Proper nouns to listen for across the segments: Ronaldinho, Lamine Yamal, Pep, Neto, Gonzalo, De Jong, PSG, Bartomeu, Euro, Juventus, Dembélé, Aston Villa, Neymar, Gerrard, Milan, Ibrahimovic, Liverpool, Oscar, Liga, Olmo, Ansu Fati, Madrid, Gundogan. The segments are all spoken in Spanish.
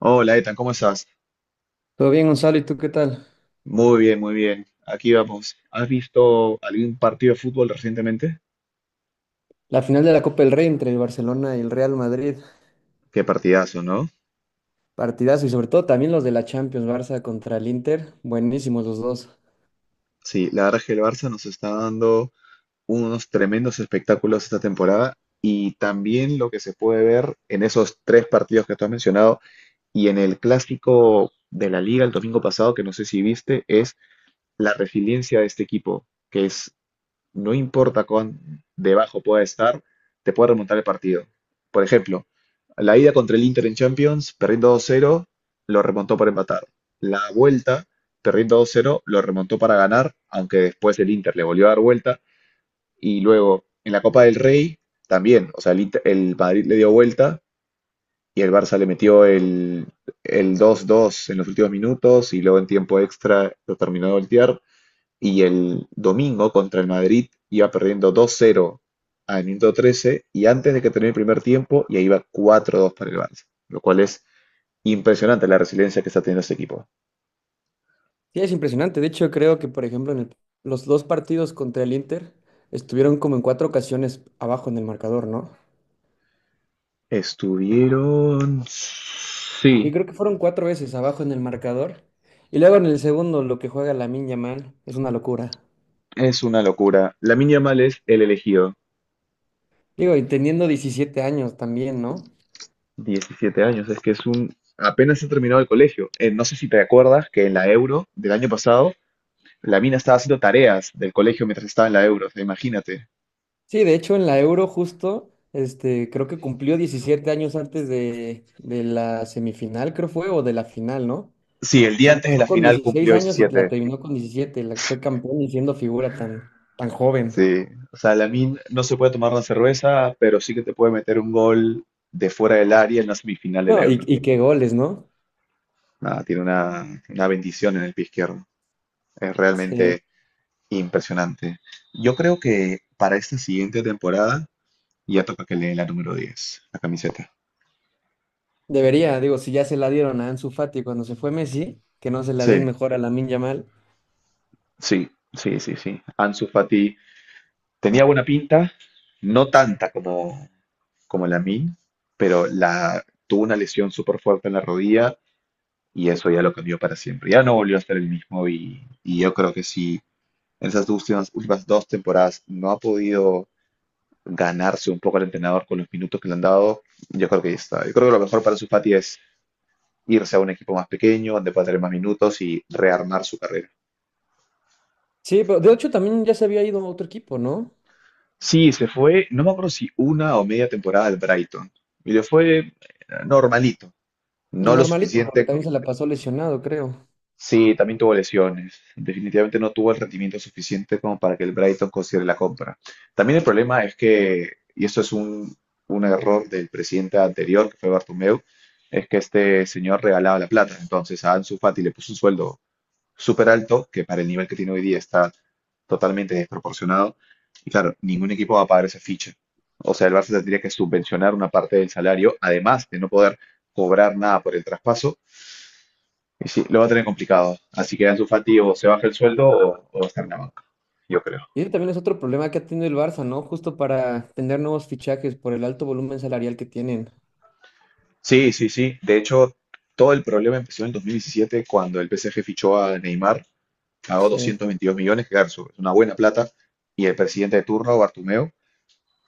Hola, Ethan, ¿cómo estás? Todo bien, Gonzalo, ¿y tú qué tal? Muy bien, muy bien. Aquí vamos. ¿Has visto algún partido de fútbol recientemente? La final de la Copa del Rey entre el Barcelona y el Real Madrid, Qué partidazo, ¿no? partidazo, y sobre todo también los de la Champions, Barça contra el Inter, buenísimos los dos. Sí, la verdad es que el Barça nos está dando unos tremendos espectáculos esta temporada y también lo que se puede ver en esos tres partidos que tú has mencionado y en el clásico de la Liga el domingo pasado, que no sé si viste, es la resiliencia de este equipo, que es no importa cuán debajo pueda estar, te puede remontar el partido. Por ejemplo, la ida contra el Inter en Champions, perdiendo 2-0, lo remontó para empatar. La vuelta, perdiendo 2-0, lo remontó para ganar, aunque después el Inter le volvió a dar vuelta. Y luego, en la Copa del Rey, también, o sea, el Madrid le dio vuelta y el Barça le metió el 2-2 en los últimos minutos y luego en tiempo extra lo terminó de voltear. Y el domingo contra el Madrid iba perdiendo 2-0 al minuto 13, y antes de que termine el primer tiempo ya iba 4-2 para el Barça, lo cual es impresionante la resiliencia que está teniendo este equipo. Sí, es impresionante. De hecho creo que por ejemplo en los dos partidos contra el Inter estuvieron como en cuatro ocasiones abajo en el marcador, ¿no? Estuvieron... Y Sí, creo que fueron cuatro veces abajo en el marcador. Y luego en el segundo lo que juega Lamine Yamal es una locura. es una locura. La Yamal es el elegido, Digo, y teniendo 17 años también, ¿no? 17 años, es que es un... Apenas ha terminado el colegio. No sé si te acuerdas que en la Euro del año pasado, la mina estaba haciendo tareas del colegio mientras estaba en la Euro, o sea, imagínate. Sí, de hecho en la Euro justo, este, creo que cumplió 17 años antes de la semifinal, creo fue, o de la final, ¿no? O Sí, el sea, día antes de empezó la con final 16 cumplió años y la 17. terminó con 17. La, fue campeón y siendo figura tan, tan joven. Sí, o sea, Lamine no se puede tomar una cerveza, pero sí que te puede meter un gol de fuera del área en la semifinal del No, Euro, ¿no? y qué goles, ¿no? Nada, tiene una bendición en el pie izquierdo. Es Sí. realmente impresionante. Yo creo que para esta siguiente temporada ya toca que le den la número 10, la camiseta. Debería. Digo, si ya se la dieron a Ansu Fati cuando se fue Messi, que no se la den Sí, mejor a Lamine Yamal. sí, sí, sí, sí. Ansu Fati tenía buena pinta, no tanta como, como Lamine, pero tuvo una lesión súper fuerte en la rodilla y eso ya lo cambió para siempre. Ya no volvió a ser el mismo, y yo creo que si en esas últimas, últimas dos temporadas no ha podido ganarse un poco al entrenador con los minutos que le han dado, yo creo que ya está. Yo creo que lo mejor para Fati es irse a un equipo más pequeño, donde pueda tener más minutos y rearmar su carrera. Sí, pero de hecho también ya se había ido a otro equipo, ¿no? Sí, se fue, no me acuerdo si una o media temporada al Brighton. Y le fue normalito, no lo Normalito, porque suficiente. también se la pasó lesionado, creo. Sí, también tuvo lesiones. Definitivamente no tuvo el rendimiento suficiente como para que el Brighton considere la compra. También el problema es que, y esto es un error del presidente anterior, que fue Bartomeu, es que este señor regalaba la plata. Entonces a Ansu Fati le puso un sueldo súper alto, que para el nivel que tiene hoy día está totalmente desproporcionado. Y claro, ningún equipo va a pagar esa ficha. O sea, el Barça tendría que subvencionar una parte del salario, además de no poder cobrar nada por el traspaso, y sí, lo va a tener complicado. Así que Ansu Fati o se baja el sueldo, o va a estar en la banca, yo creo. Y ese también es otro problema que ha tenido el Barça, ¿no? Justo para tener nuevos fichajes por el alto volumen salarial que tienen. Sí, sí, sí. De hecho, todo el problema empezó en el 2017 cuando el PSG fichó a Neymar, pagó Sí. 222 millones, que claro, es una buena plata, y el presidente de turno, Bartomeu,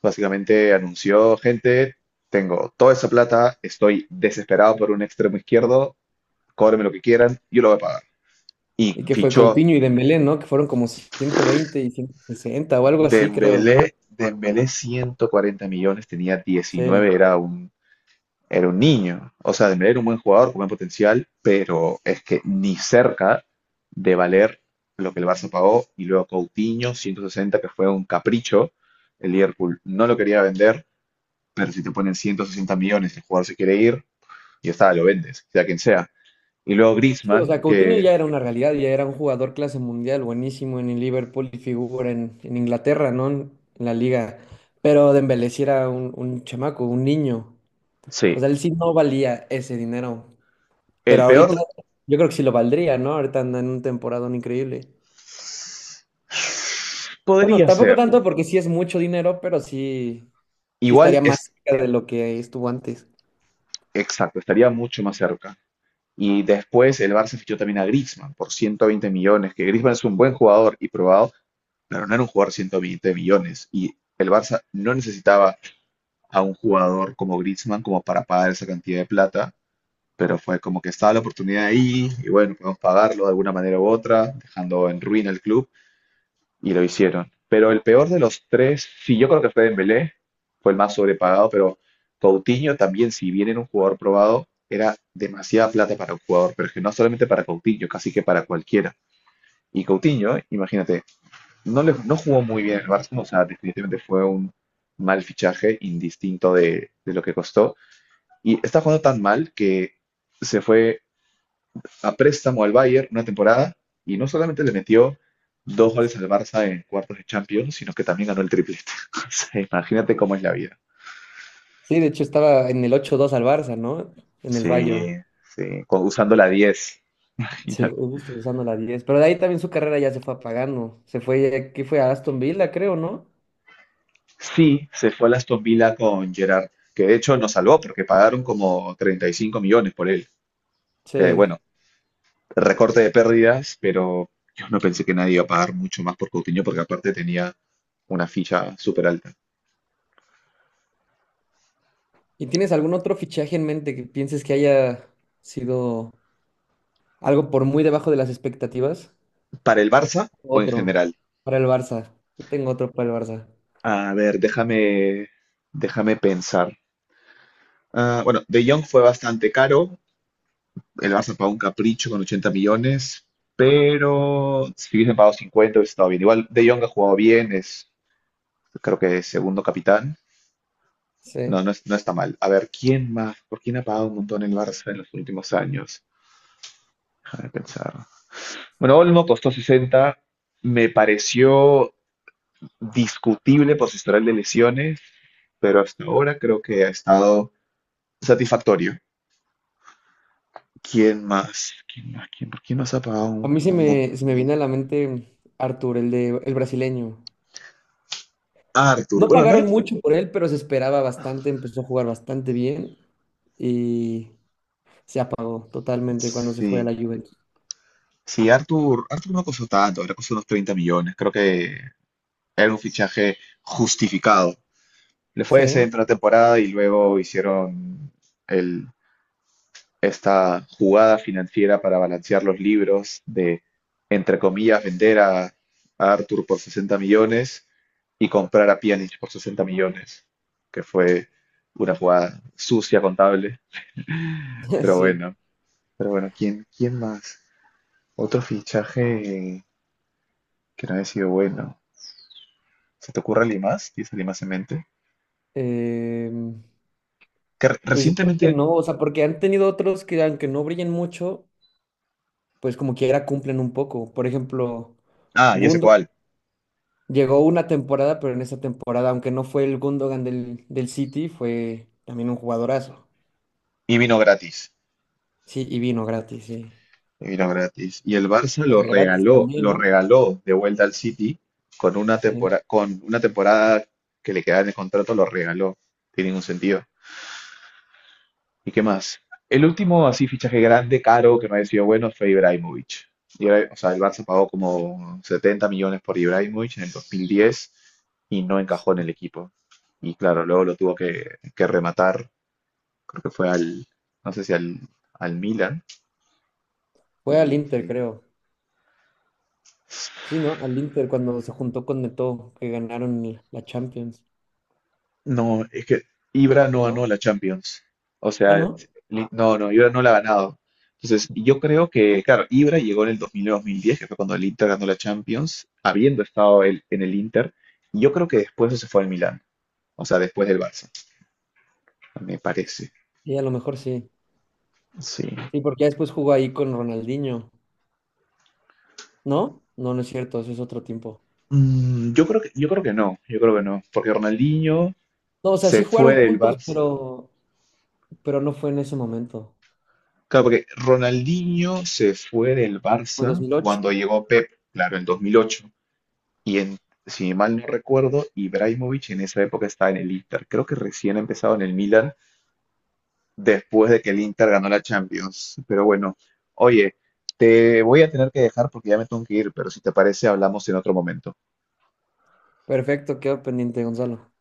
básicamente anunció: gente, tengo toda esa plata, estoy desesperado por un extremo izquierdo, cóbreme lo que quieran, yo lo voy a pagar. Y Y que fue fichó Coutinho y Dembélé, ¿no? Que fueron como 120 y 160 o algo así, creo. Dembélé. Dembélé 140 millones, tenía 19, Sí. Era un niño. O sea, Dembélé era un buen jugador con buen potencial, pero es que ni cerca de valer lo que el Barça pagó. Y luego Coutinho, 160, que fue un capricho. El Liverpool no lo quería vender, pero si te ponen 160 millones, el jugador se quiere ir, y está, lo vendes, sea quien sea. Y luego Sí, o Griezmann, sea, Coutinho que ya era una realidad, ya era un jugador clase mundial, buenísimo en el Liverpool y figura en Inglaterra, ¿no? En la liga. Pero Dembélé sí era un chamaco, un niño. sí, O sea, él sí no valía ese dinero. Pero el ahorita peor yo creo que sí lo valdría, ¿no? Ahorita anda en un temporadón increíble. Bueno, podría tampoco ser. tanto porque sí es mucho dinero, pero sí, sí Igual estaría más es cerca de lo que estuvo antes. exacto, estaría mucho más cerca. Y después el Barça fichó también a Griezmann por 120 millones, que Griezmann es un buen jugador y probado, pero no era un jugador de 120 millones. Y el Barça no necesitaba a un jugador como Griezmann como para pagar esa cantidad de plata, pero fue como que estaba la oportunidad ahí y bueno, podemos pagarlo de alguna manera u otra, dejando en ruina el club, y lo hicieron. Pero el peor de los tres, sí, yo creo que fue Dembélé, fue el más sobrepagado, pero Coutinho también, si bien era un jugador probado, era demasiada plata para un jugador, pero es que no solamente para Coutinho, casi que para cualquiera. Y Coutinho, imagínate, no, no jugó muy bien en el Barça, o sea, definitivamente fue un mal fichaje, indistinto de lo que costó. Y está jugando tan mal que se fue a préstamo al Bayern una temporada, y no solamente le metió dos goles al Barça en cuartos de Champions, sino que también ganó el triplete. O sea, imagínate cómo es la vida. Sí, de hecho estaba en el ocho dos al Barça, ¿no? En el Sí, Bayern. sí, usando la 10. Sí, Imagínate. justo usando la 10. Pero de ahí también su carrera ya se fue apagando. Se fue, ¿qué fue? A Aston Villa, creo, ¿no? Sí, se fue al Aston Villa con Gerrard, que de hecho nos salvó porque pagaron como 35 millones por él. Que Sí. bueno, recorte de pérdidas, pero yo no pensé que nadie iba a pagar mucho más por Coutinho porque aparte tenía una ficha súper alta. ¿Y tienes algún otro fichaje en mente que pienses que haya sido algo por muy debajo de las expectativas? ¿Para el Barça o en Otro general? para el Barça. Yo tengo otro para el Barça. A ver, déjame pensar. Ah, bueno, De Jong fue bastante caro. El Barça pagó un capricho con 80 millones, pero si hubiesen pagado 50, hubiese estado bien. Igual De Jong ha jugado bien, es creo que es segundo capitán. No, Sí. no, no está mal. A ver, ¿quién más? ¿Por quién ha pagado un montón el Barça en los últimos años? Déjame pensar. Bueno, Olmo costó 60. Me pareció discutible por su historial de lesiones, pero hasta ahora creo que ha estado satisfactorio. ¿Quién más? ¿Quién más? ¿Quién más ha pagado A un, mí un mon-. Se me viene a la mente Arthur, el de el brasileño. Arthur. No Bueno, no era-. pagaron mucho por él, pero se esperaba bastante, empezó a jugar bastante bien y se apagó totalmente cuando se fue a Sí. la Juventus. Sí, Arthur, Arthur no costó tanto, le costó unos 30 millones. Creo que era un fichaje justificado. Le fue Sí, decente una temporada, y luego hicieron el, esta jugada financiera para balancear los libros de, entre comillas, vender a Arthur por 60 millones y comprar a Pjanic por 60 millones, que fue una jugada sucia, contable. Pero sí. bueno, pero bueno, ¿quién, quién más? Otro fichaje que no haya sido bueno. ¿Se te ocurre alguien más? ¿Tienes alguien más en mente? Em, Que pues yo creo recientemente. que no, o sea, porque han tenido otros que aunque no brillen mucho, pues como quiera cumplen un poco. Por ejemplo, Ah, ya sé Gundogan cuál. llegó una temporada, pero en esa temporada, aunque no fue el Gundogan del City, fue también un jugadorazo. Y vino gratis. Sí, y vino gratis, sí. Y vino gratis. Y el Barça Gratis también, lo ¿no? regaló de vuelta al City, con una Sí. temporada, con una temporada que le quedaba en el contrato, lo regaló. Tiene ningún sentido. ¿Y qué más? El último así fichaje grande, caro, que me ha sido bueno fue Ibrahimovic. Ibra- o sea, el Barça pagó como 70 millones por Ibrahimovic en el 2010 y no encajó en el equipo. Y claro, luego lo tuvo que rematar, creo que fue al, no sé si al, Milan. Fue al Y Inter, sí, creo. Sí, ¿no? Al Inter cuando se juntó con Neto, que ganaron la Champions, no, es que Ibra ¿o no ganó no? la Champions. O Ah, sea, ¿no? No, no, Ibra no la ha ganado. Entonces, yo creo que, claro, Ibra llegó en el 2009-2010, que fue cuando el Inter ganó la Champions, habiendo estado él en el Inter. Y yo creo que después se fue al Milán. O sea, después del Barça, me parece. Sí, a lo mejor sí. Sí. Sí, porque ya después jugó ahí con Ronaldinho, ¿no? No, no es cierto, eso es otro tiempo. Mm, yo creo que no, yo creo que no. Porque Ronaldinho No, o sea, sí se fue jugaron del juntos, Barça. Pero no fue en ese momento. Claro, porque Ronaldinho se fue del Fue dos Barça mil ocho cuando llegó Pep, claro, en 2008. Y en, si mal no recuerdo, Ibrahimovic en esa época estaba en el Inter. Creo que recién ha empezado en el Milan después de que el Inter ganó la Champions. Pero bueno, oye, te voy a tener que dejar porque ya me tengo que ir, pero si te parece, hablamos en otro momento. Perfecto, quedó pendiente, Gonzalo.